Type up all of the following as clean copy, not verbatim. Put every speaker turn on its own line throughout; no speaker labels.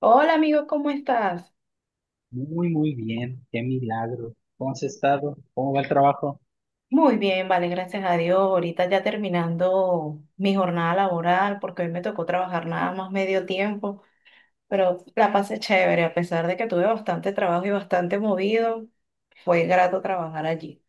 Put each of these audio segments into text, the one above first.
Hola amigo, ¿cómo estás?
Muy, muy bien, qué milagro. ¿Cómo has estado? ¿Cómo va el trabajo?
Muy bien, vale, gracias a Dios. Ahorita ya terminando mi jornada laboral porque hoy me tocó trabajar nada más medio tiempo, pero la pasé chévere, a pesar de que tuve bastante trabajo y bastante movido, fue grato trabajar allí.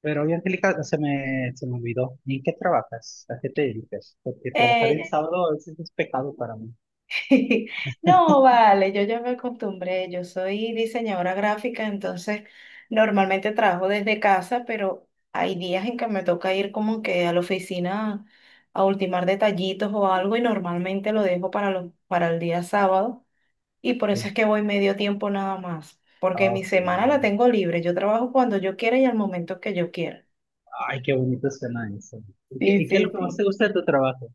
Pero oye, Angélica, se me olvidó. ¿En qué trabajas? ¿A qué te dedicas? Porque trabajar el
Eh,
sábado a veces es pecado para mí.
No, vale, yo ya me acostumbré, yo soy diseñadora gráfica, entonces normalmente trabajo desde casa, pero hay días en que me toca ir como que a la oficina a ultimar detallitos o algo y normalmente lo dejo para, para el día sábado y por eso es que voy medio tiempo nada más, porque mi
Ok.
semana la tengo libre, yo trabajo cuando yo quiera y al momento que yo quiera.
Ay, qué bonito suena eso. ¿Y qué,
Sí,
y qué es lo
sí,
que más te
sí.
gusta de tu trabajo?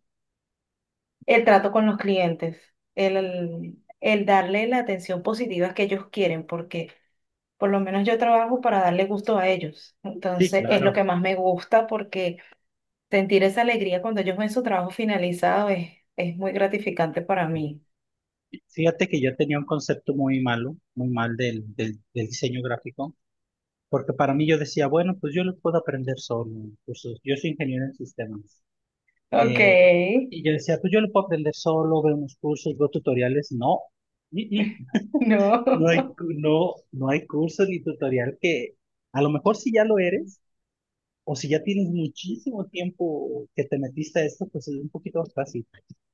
El trato con los clientes, el darle la atención positiva que ellos quieren, porque... Por lo menos yo trabajo para darle gusto a ellos.
Sí,
Entonces es lo
claro.
que más me gusta porque sentir esa alegría cuando ellos ven su trabajo finalizado es muy gratificante para mí.
Fíjate que yo tenía un concepto muy malo, muy mal del diseño gráfico, porque para mí yo decía, bueno, pues yo lo puedo aprender solo. Pues, yo soy ingeniero en sistemas.
Ok.
Eh, y yo decía, pues yo lo puedo aprender solo, veo unos cursos, veo tutoriales. No. Mm, mm.
No.
No hay, no, no hay curso ni tutorial que, a lo mejor si ya lo eres, o si ya tienes muchísimo tiempo que te metiste a esto, pues es un poquito más fácil.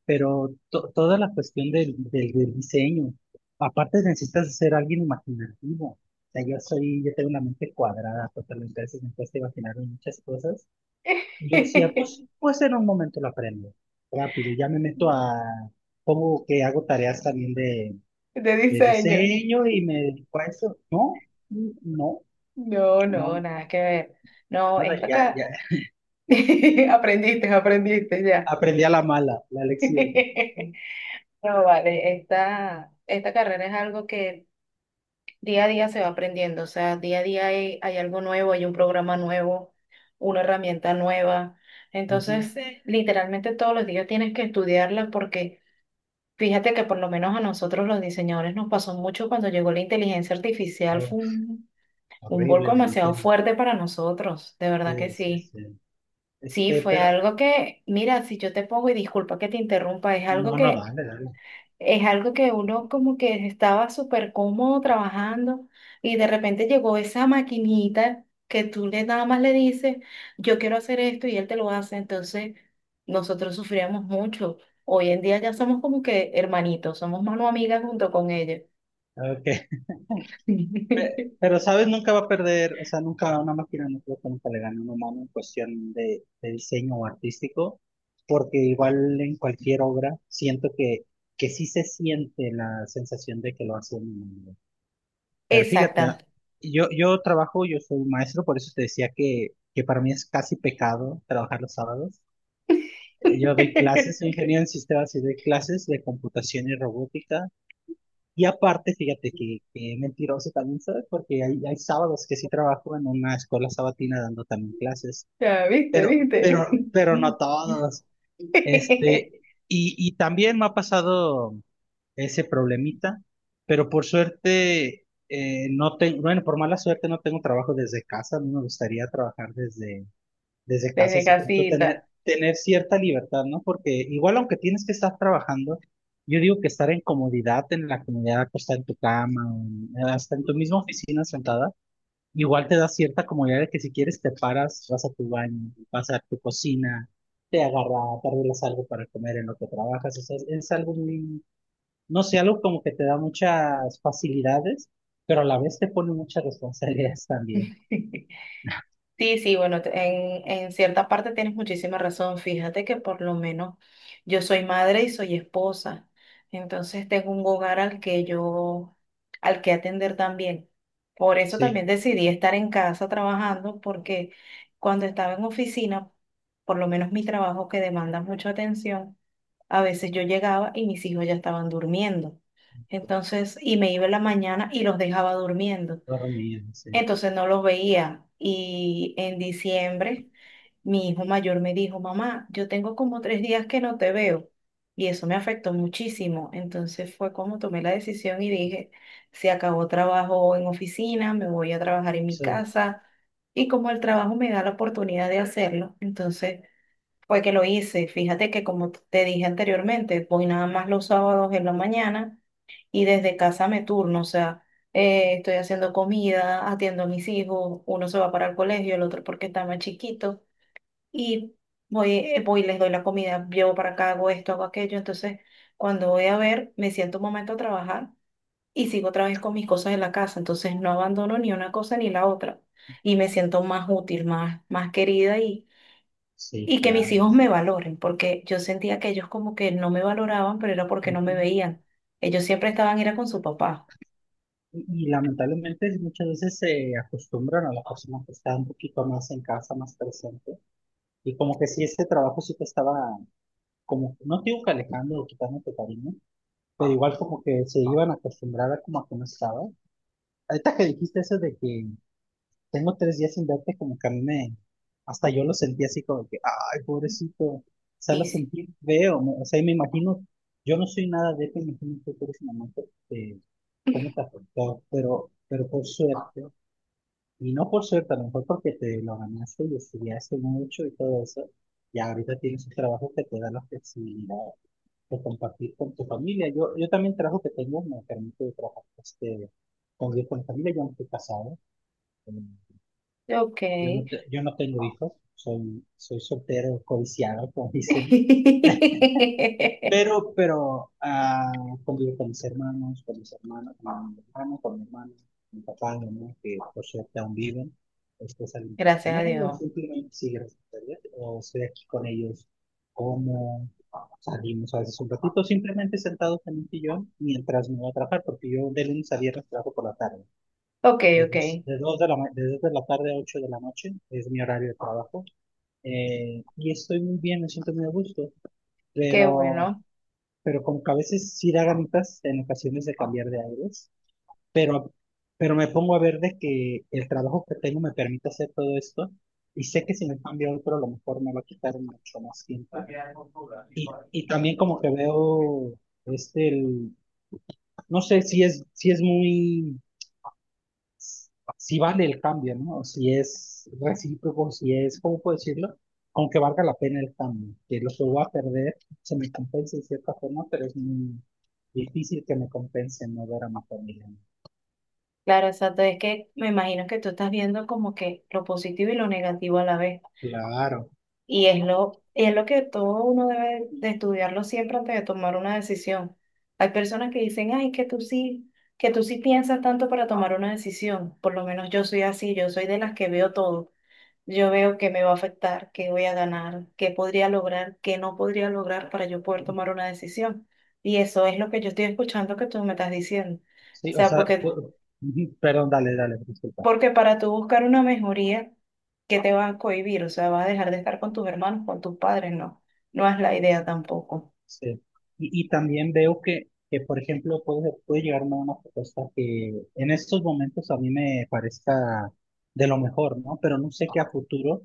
Pero toda la cuestión del diseño, aparte necesitas ser alguien imaginativo. O sea, yo soy, yo tengo una mente cuadrada, totalmente, a veces me cuesta imaginarme muchas cosas. Yo decía,
De
pues puede ser un momento lo aprendo rápido. Ya me meto a, pongo que hago tareas también de
diseño.
diseño y me dedico a eso. No, no,
No, no,
no,
nada que ver. No,
nada,
esto
ya, ya.
acá. Aprendiste, aprendiste ya.
Aprendí a la mala, la lección.
No, vale, esta carrera es algo que día a día se va aprendiendo, o sea, día a día hay, hay algo nuevo, hay un programa nuevo, una herramienta nueva.
Ujú.
Entonces, sí, literalmente todos los días tienes que estudiarla porque fíjate que por lo menos a nosotros los diseñadores nos pasó mucho cuando llegó la inteligencia artificial, fue
Uf,
un vuelco
horrible, me
demasiado
imagino.
fuerte para nosotros, de verdad que
Sí, sí,
sí.
sí.
Sí,
Este,
fue
pero
algo que, mira, si yo te pongo y disculpa que te interrumpa,
no, no, dale, dale.
es algo que uno como que estaba súper cómodo trabajando y de repente llegó esa maquinita que tú le nada más le dices, yo quiero hacer esto y él te lo hace. Entonces nosotros sufríamos mucho. Hoy en día ya somos como que hermanitos, somos mano amiga junto con ella.
Ok. Pero, ¿sabes? Nunca va a perder, o sea, nunca una máquina, no creo que nunca le gane a un humano en cuestión de diseño o artístico, porque igual en cualquier obra siento que sí se siente la sensación de que lo hace un humano. Pero fíjate,
Exacta.
yo, yo trabajo, yo soy maestro, por eso te decía que para mí es casi pecado trabajar los sábados. Yo doy clases, soy ingeniero en sistemas y doy clases de computación y robótica y aparte, fíjate que mentiroso también soy, porque hay sábados que sí trabajo en una escuela sabatina dando también clases,
Ya, viste, viste.
pero no todos. Este, y también me ha pasado ese problemita, pero por suerte, no tengo, bueno, por mala suerte no tengo trabajo desde casa, a mí me gustaría trabajar desde, desde casa,
Desde
así como tú tener,
casita.
tener cierta libertad, ¿no? Porque igual aunque tienes que estar trabajando, yo digo que estar en comodidad, en la comodidad acostada en tu cama, o hasta en tu misma oficina sentada, igual te da cierta comodidad de que si quieres te paras, vas a tu baño, vas a tu cocina, te agarras, te arreglas algo para comer en lo que trabajas, o sea, es algo muy, no sé, algo como que te da muchas facilidades, pero a la vez te pone muchas responsabilidades también,
Sí, sí, bueno, en cierta parte tienes muchísima razón. Fíjate que por lo menos yo soy madre y soy esposa. Entonces tengo un hogar al que yo, al que atender también. Por eso también
sí,
decidí estar en casa trabajando, porque cuando estaba en oficina, por lo menos mi trabajo que demanda mucha atención, a veces yo llegaba y mis hijos ya estaban durmiendo. Entonces, y me iba en la mañana y los dejaba durmiendo.
dormir, sí.
Entonces no los veía. Y en diciembre mi hijo mayor me dijo, mamá, yo tengo como 3 días que no te veo. Y eso me afectó muchísimo. Entonces fue como tomé la decisión y dije, se acabó trabajo en oficina, me voy a trabajar en mi
Sí,
casa. Y como el trabajo me da la oportunidad de hacerlo, entonces fue que lo hice. Fíjate que como te dije anteriormente, voy nada más los sábados en la mañana y desde casa me turno, o sea, estoy haciendo comida, atiendo a mis hijos, uno se va para el colegio, el otro porque está más chiquito, y voy, voy y les doy la comida, llevo para acá, hago esto, hago aquello, entonces cuando voy a ver, me siento un momento a trabajar y sigo otra vez con mis cosas de la casa, entonces no abandono ni una cosa ni la otra, y me siento más útil, más, más querida y...
sí,
Y que mis
claro.
hijos me valoren, porque yo sentía que ellos como que no me valoraban, pero era porque no me
Ujú.
veían. Ellos siempre estaban, era con su papá.
Y lamentablemente muchas veces se acostumbran a la persona que está un poquito más en casa, más presente. Y como que si ese trabajo sí te estaba, como, no te digo que alejando o quitándote cariño, pero igual como que se iban a acostumbrar a como a que no estaba. Ahorita que dijiste eso de que tengo tres días sin verte, como que a mí me, hasta yo lo sentí así como que, ay, pobrecito, o sea, lo
Sí, sí.
sentí feo, o sea, y me imagino, yo no soy nada de eso, me imagino que tú eres una mamá, eh, cómo te afectó, pero por suerte, y no por suerte, a lo mejor porque te lo ganaste y estudiaste mucho y todo eso, y ahorita tienes un trabajo que te da la flexibilidad de compartir con tu familia. Yo también el trabajo que tengo me permite trabajar este, convivir con mi familia, yo no estoy casado, eh,
Ok.
yo no, yo no tengo hijos, soy, soy soltero, codiciado, como dicen. Pero convivo con mis hermanos, con mis hermanos, con mi hermano, con mi hermana, mi papá, mi mamá, que por suerte aún viven. Después salimos a
Gracias a
comer o
Dios.
simplemente sí, gracias a Dios, o estoy aquí con ellos, como salimos a veces un ratito, simplemente sentados en un sillón mientras me voy a trabajar, porque yo de lunes a viernes trabajo por la tarde.
Ok,
De
ok.
dos, de dos de la, de dos de la tarde a 8 de la noche es mi horario de trabajo. Y estoy muy bien, me siento muy a gusto,
Qué
pero,
bueno.
pero como que a veces sí da ganitas en ocasiones de cambiar de aires, pero, pero me pongo a ver de que el trabajo que tengo me permite hacer todo esto y sé que si me cambio a otro a lo mejor me va a quitar mucho más tiempo. Y también como que veo este, el, no sé si es, si es muy... si vale el cambio, ¿no? Si es recíproco, si es, ¿cómo puedo decirlo? Aunque valga la pena el cambio, que lo que voy a perder se me compense de cierta forma, pero es muy difícil que me compense no ver a mi familia.
Claro, exacto. Es que me imagino que tú estás viendo como que lo positivo y lo negativo a la vez.
Claro.
Y es lo que todo uno debe de estudiarlo siempre antes de tomar una decisión. Hay personas que dicen, ay, que tú sí piensas tanto para tomar una decisión. Por lo menos yo soy así, yo soy de las que veo todo. Yo veo que me va a afectar, qué voy a ganar, qué podría lograr, qué no podría lograr para yo poder tomar una decisión. Y eso es lo que yo estoy escuchando que tú me estás diciendo. O
Sí, o
sea,
sea,
porque,
ujú, perdón, dale, dale, disculpa.
porque para tú buscar una mejoría, ¿qué te va a cohibir? O sea, vas a dejar de estar con tus hermanos, con tus padres, no. No es la idea tampoco.
Sí. Y también veo que, por ejemplo, puede, puede llegarme a una propuesta que en estos momentos a mí me parezca de lo mejor, ¿no? Pero no sé que a futuro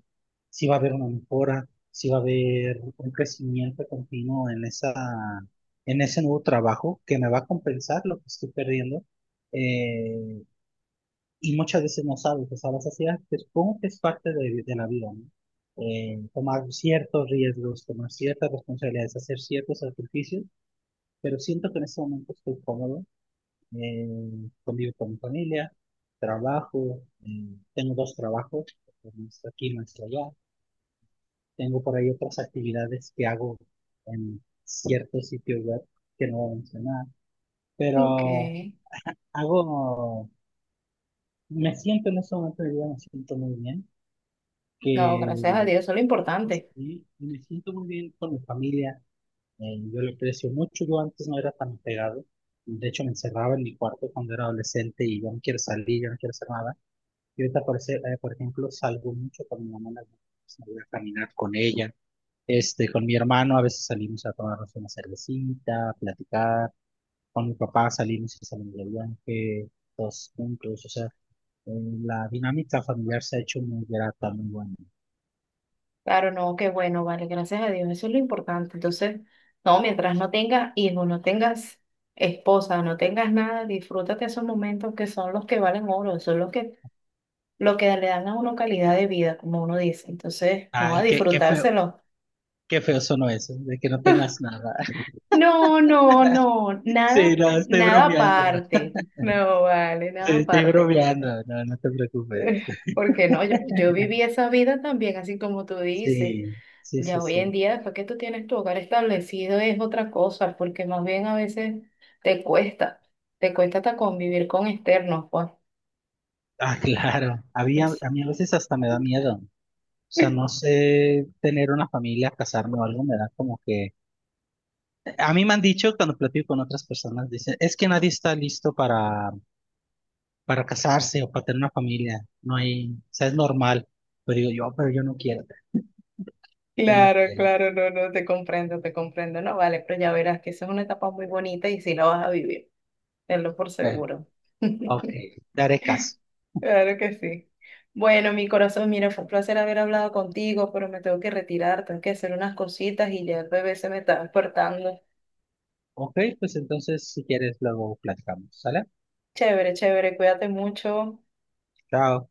si va a haber una mejora, si va a haber un crecimiento continuo en esa, en ese nuevo trabajo que me va a compensar lo que estoy perdiendo. Eh, y muchas veces no sabes, o sea, la sociedad que supongo que es parte de la vida, ¿no? Tomar ciertos riesgos, tomar ciertas responsabilidades, hacer ciertos sacrificios, pero siento que en este momento estoy cómodo, eh, convivo con mi familia, trabajo, tengo dos trabajos, uno está aquí, uno está allá, tengo por ahí otras actividades que hago en ciertos sitios web que no voy a mencionar,
Ok.
pero hago, me siento en este momento de vida, me siento muy bien
No, gracias a
que
Dios, eso es lo importante.
me siento muy bien con mi familia. Yo lo aprecio mucho. Yo antes no era tan pegado. De hecho, me encerraba en mi cuarto cuando era adolescente y yo no quiero salir, yo no quiero hacer nada. Y ahorita, por ejemplo, salgo mucho con mi mamá en las noches, me voy a caminar con ella. Este, con mi hermano a veces salimos a tomarnos una cervecita, a platicar. Con mi papá salimos y salimos de viaje, todos juntos. O sea, eh, la dinámica familiar se ha hecho muy grata, muy buena.
Claro, no, qué bueno, vale, gracias a Dios, eso es lo importante. Entonces, no, mientras no tengas hijos, no tengas esposa, no tengas nada, disfrútate esos momentos que son los que valen oro, son los que, lo que le dan a uno calidad de vida, como uno dice. Entonces, no, a
Ay, qué, qué feo.
disfrutárselo.
Qué feo sonó eso, de que no tengas nada.
No, no, no,
Sí,
nada,
no, estoy
nada
bromeando, ¿no?
aparte. No, vale, nada
Sí, estoy
aparte.
bromeando, no, no te preocupes.
Eh, Porque no, yo viví esa vida también, así como tú dices.
Sí, sí, sí,
Ya hoy en
sí.
día, después que tú tienes tu hogar establecido, es otra cosa, porque más bien a veces te cuesta, te cuesta hasta convivir con externos, pues.
Ah, claro. Había, a mí a veces hasta me da miedo. O sea, no sé tener una familia, casarme o algo, me da como que... A mí me han dicho cuando platico con otras personas, dicen, es que nadie está listo para casarse o para tener una familia. No hay, o sea, es normal. Pero digo yo, "Ah, pero yo no quiero, yo no
Claro,
quiero."
claro, no, no, te comprendo, no, vale, pero ya verás que esa es una etapa muy bonita y sí la vas a vivir, tenlo por
Bueno,
seguro.
ok, daré caso.
Claro que sí. Bueno, mi corazón, mira, fue un placer haber hablado contigo, pero me tengo que retirar, tengo que hacer unas cositas y ya el bebé se me está despertando.
Ok, pues entonces si quieres luego platicamos, ¿sale?
Chévere, chévere, cuídate mucho.
Chao.